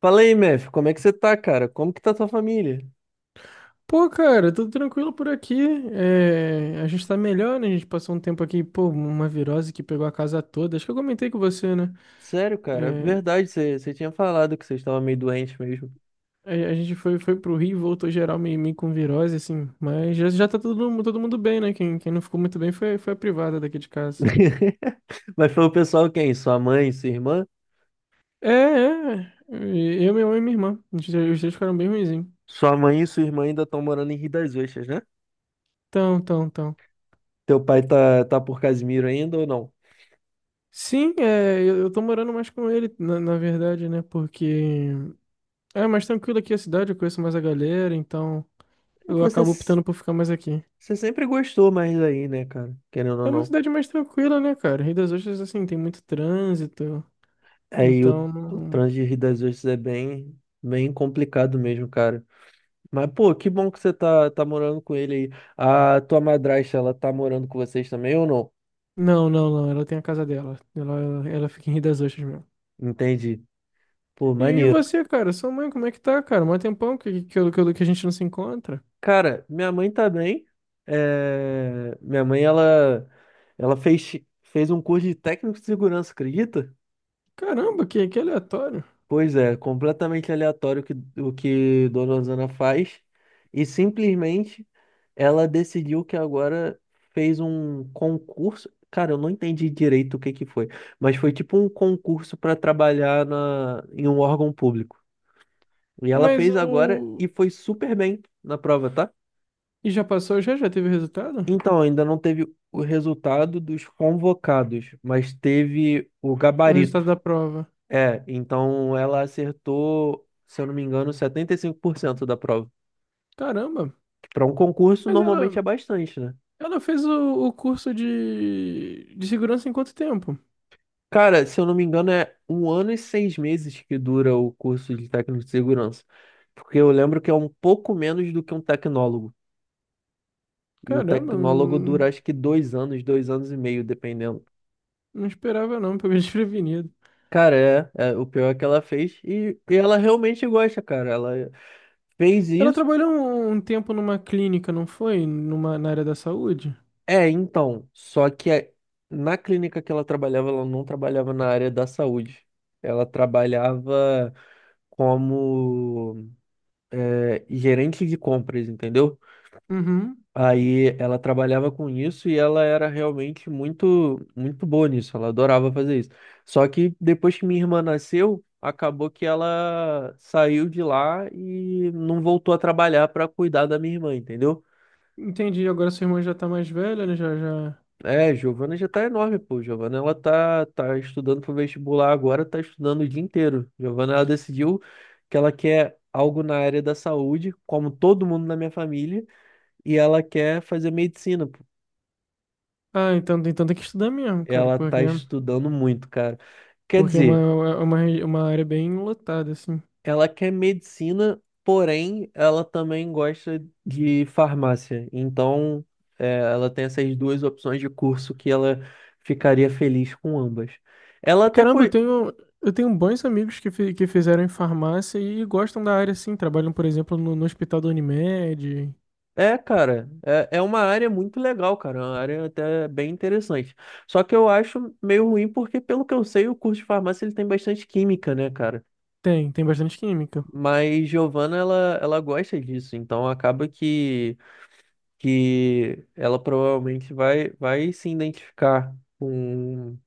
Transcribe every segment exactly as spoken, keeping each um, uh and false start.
Fala aí, Mef, como é que você tá, cara? Como que tá tua família? Pô, cara, tudo tranquilo por aqui. É, a gente tá melhor, né? A gente passou um tempo aqui, pô, uma virose que pegou a casa toda. Acho que eu comentei com você, né? Sério, cara, É, verdade, você você tinha falado que você estava meio doente mesmo. a, a gente foi, foi pro Rio e voltou geral meio, meio com virose, assim. Mas já, já tá todo, mu- todo mundo bem, né? Quem, quem não ficou muito bem foi, foi a privada daqui de casa. Mas foi o pessoal quem? Sua mãe e sua irmã? É, é. E eu, meu mãe e minha irmã. A gente- Os dois ficaram bem ruinzinhos. Sua mãe e sua irmã ainda estão morando em Rio das Ostras, né? Então, então, então. Teu pai tá, tá por Casimiro ainda ou não? Sim, é, eu, eu tô morando mais com ele, na, na verdade, né? Porque é mais tranquilo aqui é a cidade, eu conheço mais a galera, então É. eu Você, acabo optando por ficar mais aqui. você sempre gostou mais daí, né, cara? Querendo ou É uma não. cidade mais tranquila, né, cara? Rio das Ostras, assim, tem muito trânsito, Aí o, então o não. trânsito de Rio das Ostras é bem, bem complicado mesmo, cara. Mas, pô, que bom que você tá, tá morando com ele aí. A tua madrasta, ela tá morando com vocês também ou não? Não, não, não, ela tem a casa dela. Ela, ela fica em Rio das Ostras mesmo. Entendi. Pô, E, e maneiro. você, cara? Sua mãe, como é que tá, cara? Mó tempão que, que, eu- que, eu- que a gente não se encontra. Cara, minha mãe tá bem. É. Minha mãe, ela, ela fez, fez um curso de técnico de segurança, acredita? Caramba, que, que aleatório. Pois é, completamente aleatório o que, o que Dona Osana faz. E simplesmente ela decidiu que agora fez um concurso. Cara, eu não entendi direito o que que foi, mas foi tipo um concurso para trabalhar na, em um órgão público. E ela Mas fez agora o... e foi super bem na prova, tá? E já passou, já? Já teve o resultado? Então, ainda não teve o resultado dos convocados, mas teve o O resultado gabarito. da prova. É, então ela acertou, se eu não me engano, setenta e cinco por cento da prova. Caramba. Que para um concurso Mas ela... normalmente é bastante, né? Ela fez o, o curso de, de segurança em quanto tempo? Cara, se eu não me engano, é um ano e seis meses que dura o curso de técnico de segurança. Porque eu lembro que é um pouco menos do que um tecnólogo. E o Caramba, tecnólogo não, dura acho que dois anos, dois anos e meio, dependendo. não esperava não, pelo desprevenido. Cara, é, é, o pior é que ela fez e, e ela realmente gosta, cara. Ela fez Ela isso. trabalhou um, um tempo numa clínica, não foi? Numa, na área da saúde? É, então, só que a- na clínica que ela trabalhava, ela não trabalhava na área da saúde. Ela trabalhava como é, gerente de compras, entendeu? Uhum. Aí ela trabalhava com isso e ela era realmente muito, muito boa nisso. Ela adorava fazer isso. Só que depois que minha irmã nasceu, acabou que ela saiu de lá e não voltou a trabalhar para cuidar da minha irmã, entendeu? Entendi, agora sua irmã já tá mais velha, né? Já, já. É, Giovana já tá enorme, pô. Giovana, ela tá, tá estudando pro vestibular agora, tá estudando o dia inteiro. Giovana, ela decidiu que ela quer algo na área da saúde, como todo mundo na minha família, e ela quer fazer medicina, pô. Ah, então, então tem que estudar mesmo, cara, Ela porque, tá estudando muito, cara. Quer porque é uma, dizer, é uma, é uma área bem lotada, assim. ela quer medicina, porém, ela também gosta de farmácia. Então, é, ela tem essas duas opções de curso que ela ficaria feliz com ambas. Ela até co- Caramba, eu tenho, eu tenho bons amigos que, fi- que fizeram em farmácia e gostam da área, assim. Trabalham, por exemplo, no, no hospital da Unimed. É, cara, é, é uma área muito legal, cara, é uma área até bem interessante. Só que eu acho meio ruim porque, pelo que eu sei, o curso de farmácia ele tem bastante química, né, cara? Tem, tem bastante química. Mas Giovana, ela, ela gosta disso, então acaba que, que ela provavelmente vai, vai se identificar com,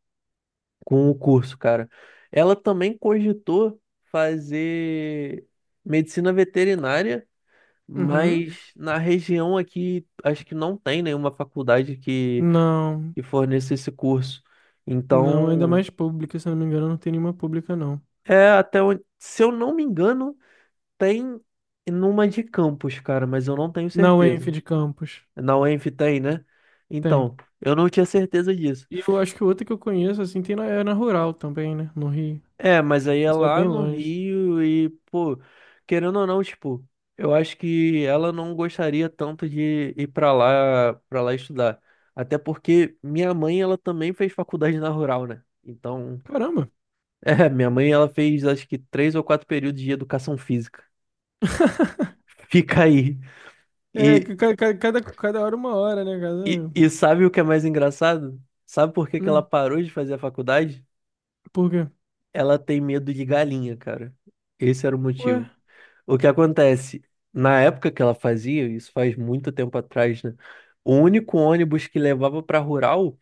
com o curso, cara. Ela também cogitou fazer medicina veterinária. Uhum. Mas na região aqui, acho que não tem nenhuma faculdade que, Não, que forneça esse curso. não, ainda Então, mais pública, se eu não me engano, não tem nenhuma pública, não. é até onde, se eu não me engano, tem numa de campus, cara, mas eu não tenho Na U E N F certeza. de Campos, Na UENF tem, né? tem. Então, eu não tinha certeza disso. E eu acho que outra que eu conheço, assim, tem na, é na Rural também, né? No Rio. É, mas aí é Mas é lá bem no longe. Rio e, pô, querendo ou não, tipo, eu acho que ela não gostaria tanto de ir pra lá, para lá estudar. Até porque minha mãe, ela também fez faculdade na rural, né? Então, Caramba! é, minha mãe, ela fez acho que três ou quatro períodos de educação física. Fica aí. É, E, ca- ca- cada, cada hora uma hora, né? Cada e, um. e sabe o que é mais engraçado? Sabe por que que ela Hum, parou de fazer a faculdade? por quê? Ela tem medo de galinha, cara. Esse era o Ué? motivo. O que acontece? Na época que ela fazia, isso faz muito tempo atrás, né? O único ônibus que levava para rural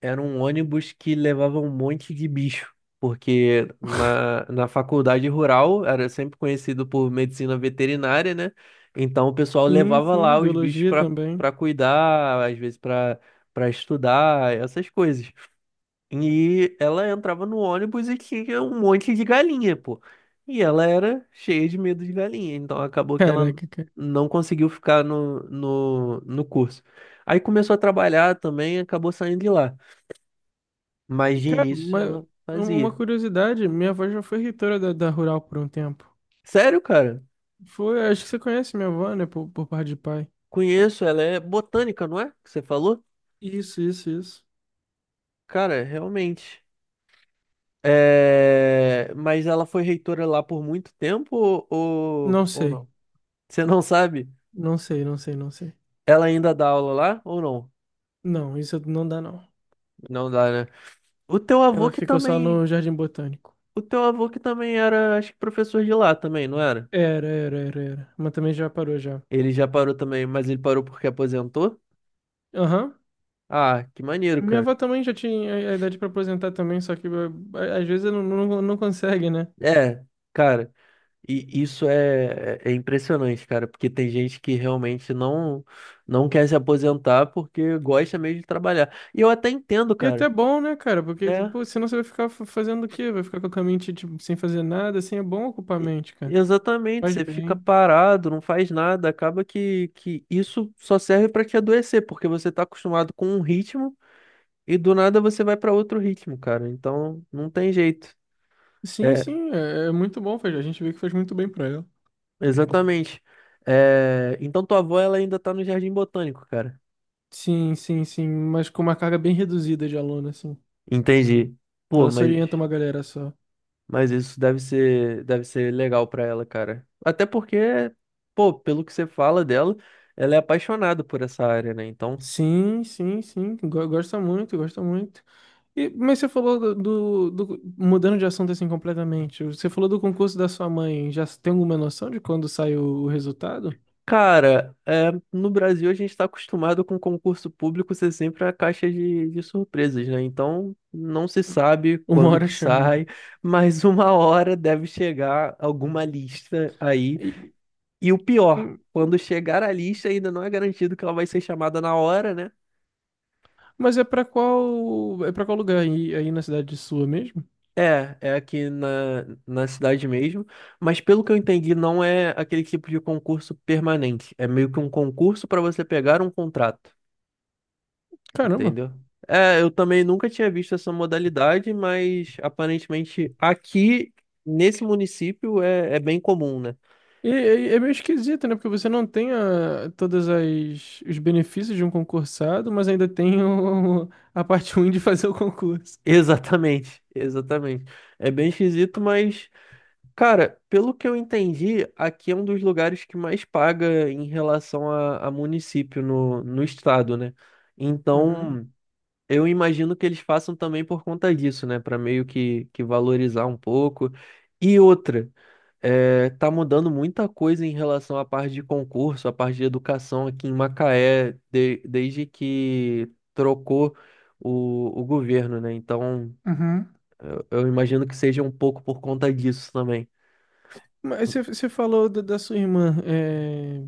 era um ônibus que levava um monte de bicho, porque na, na faculdade rural era sempre conhecido por medicina veterinária, né? Então o pessoal Sim, levava sim, lá os bichos biologia para também. para cuidar, às vezes para para estudar, essas coisas. E ela entrava no ônibus e tinha um monte de galinha, pô. E ela era cheia de medo de galinha, então acabou que ela Caraca, cara. não conseguiu ficar no, no, no curso. Aí começou a trabalhar também e acabou saindo de lá. Mas de Cara, início uma, ela uma fazia. curiosidade, minha avó já foi reitora da, da Rural por um tempo. Sério, cara? Foi, acho que você conhece minha avó, né? Por, por parte de pai. Conheço, ela é botânica, não é? Que você falou? Isso, isso, isso. Cara, realmente. É... Mas ela foi reitora lá por muito tempo ou, ou Não ou sei. não? Você não sabe? Não sei, não sei, não sei. Ela ainda dá aula lá ou não? Não, isso não dá, não. Não dá, né? O teu avô Ela que ficou só também. no Jardim Botânico. O teu avô que também era, acho que professor de lá também, não era? Era, era, era, era. Mas também já parou já. Ele já parou também, mas ele parou porque aposentou? Aham. Ah, que maneiro, Minha cara. avó também já tinha a a idade pra aposentar também, só que eh, a- às vezes não, não, não consegue, né? É, cara, e isso é, é impressionante, cara, porque tem gente que realmente não não quer se aposentar porque gosta mesmo de trabalhar. E eu até entendo, E é cara. até bom, né, cara? Porque, É, pô, senão você vai ficar fa- fazendo o quê? Vai ficar com a mente, tipo, sem fazer nada, assim, é bom ocupar a e- mente, cara. exatamente, Faz você fica bem. parado, não faz nada, acaba que, que isso só serve pra te adoecer, porque você tá acostumado com um ritmo. E do nada você vai para outro ritmo, cara. Então não tem jeito. Sim, É, sim, é, é muito bom, faz- a gente vê que faz muito bem pra ela. exatamente. É, então tua avó ela ainda tá no Jardim Botânico, cara. Sim, sim, sim, mas com uma carga bem reduzida de aluno, assim. Entendi. Pô, Ela só mas orienta uma galera só. mas isso deve ser deve ser legal pra ela, cara. Até porque, pô, pelo que você fala dela, ela é apaixonada por essa área, né? Então Sim, sim, sim, go- gosta muito, gosta muito. E, mas você falou do, do, do- mudando de assunto assim completamente, você falou do concurso da sua mãe, já tem alguma noção de quando sai o, o resultado? cara, é, no Brasil a gente está acostumado com concurso público ser sempre a caixa de, de surpresas, né? Então não se sabe Uma quando hora que chama. sai, mas uma hora deve chegar alguma lista aí. E- E o pior, hum, quando chegar a lista ainda não é garantido que ela vai ser chamada na hora, né? mas é pra qual, é para qual lugar aí, aí na cidade sua mesmo? É, é aqui na, na cidade mesmo, mas pelo que eu entendi, não é aquele tipo de concurso permanente. É meio que um concurso para você pegar um contrato. Caramba. Entendeu? É, eu também nunca tinha visto essa modalidade, mas aparentemente aqui nesse município é, é bem comum, né? E, e- é meio esquisito, né? Porque você não tem a, todas as os benefícios de um concursado, mas ainda tem o- a parte ruim de fazer o concurso. Exatamente, exatamente. É bem esquisito, mas, cara, pelo que eu entendi, aqui é um dos lugares que mais paga em relação a, a município no, no estado, né? Uhum. Então, eu imagino que eles façam também por conta disso, né? Para meio que, que valorizar um pouco. E outra. É, tá mudando muita coisa em relação à parte de concurso, à parte de educação aqui em Macaé, de- desde que trocou o, o governo, né? Então, Uhum. eu imagino que seja um pouco por conta disso também. Mas você você falou da, da sua irmã. É,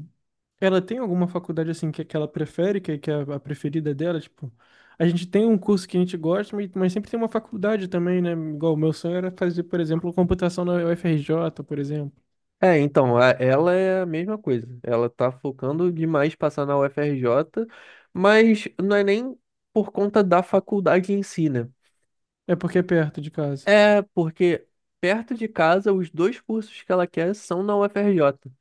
ela tem alguma faculdade assim que, que ela prefere, que, que é a preferida dela? Tipo, a gente tem um curso que a gente gosta, mas, mas sempre tem uma faculdade também, né? Igual o meu sonho era fazer, por exemplo, computação na U F R J, por exemplo. É, então, a- ela é a mesma coisa. Ela tá focando demais passar na U F R J, mas não é nem por conta da faculdade em si, né? É porque é perto de casa. É porque perto de casa, os dois cursos que ela quer são na U F R J.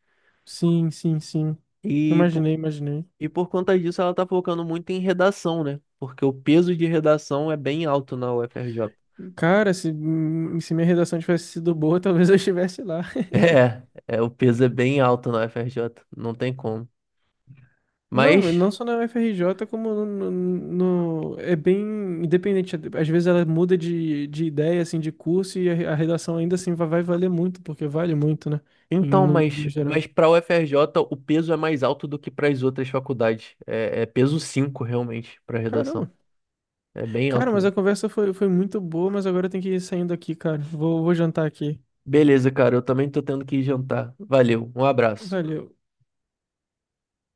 Sim, sim, sim. E Imaginei, imaginei. E por conta disso, ela tá focando muito em redação, né? Porque o peso de redação é bem alto na U F R J. Cara, se, hum, se minha redação tivesse sido boa, talvez eu estivesse lá. É, é, o peso é bem alto na U F R J, não tem como. Não, mas Mas, não só na U F R J, como no, no- no- é bem independente. Às vezes ela muda de, de ideia, assim, de curso, e a, a redação ainda assim vai, vai valer muito, porque vale muito, né? Em- então, No, mas, no geral. mas para a U F R J o peso é mais alto do que para as outras faculdades. É, é peso cinco realmente, para redação. Caramba. É bem Cara, alto mas mesmo. a conversa foi, foi muito boa, mas agora eu tenho que ir saindo aqui, cara. Vou, vou jantar aqui. Beleza, cara, eu também tô tendo que ir jantar. Valeu, um abraço. Valeu.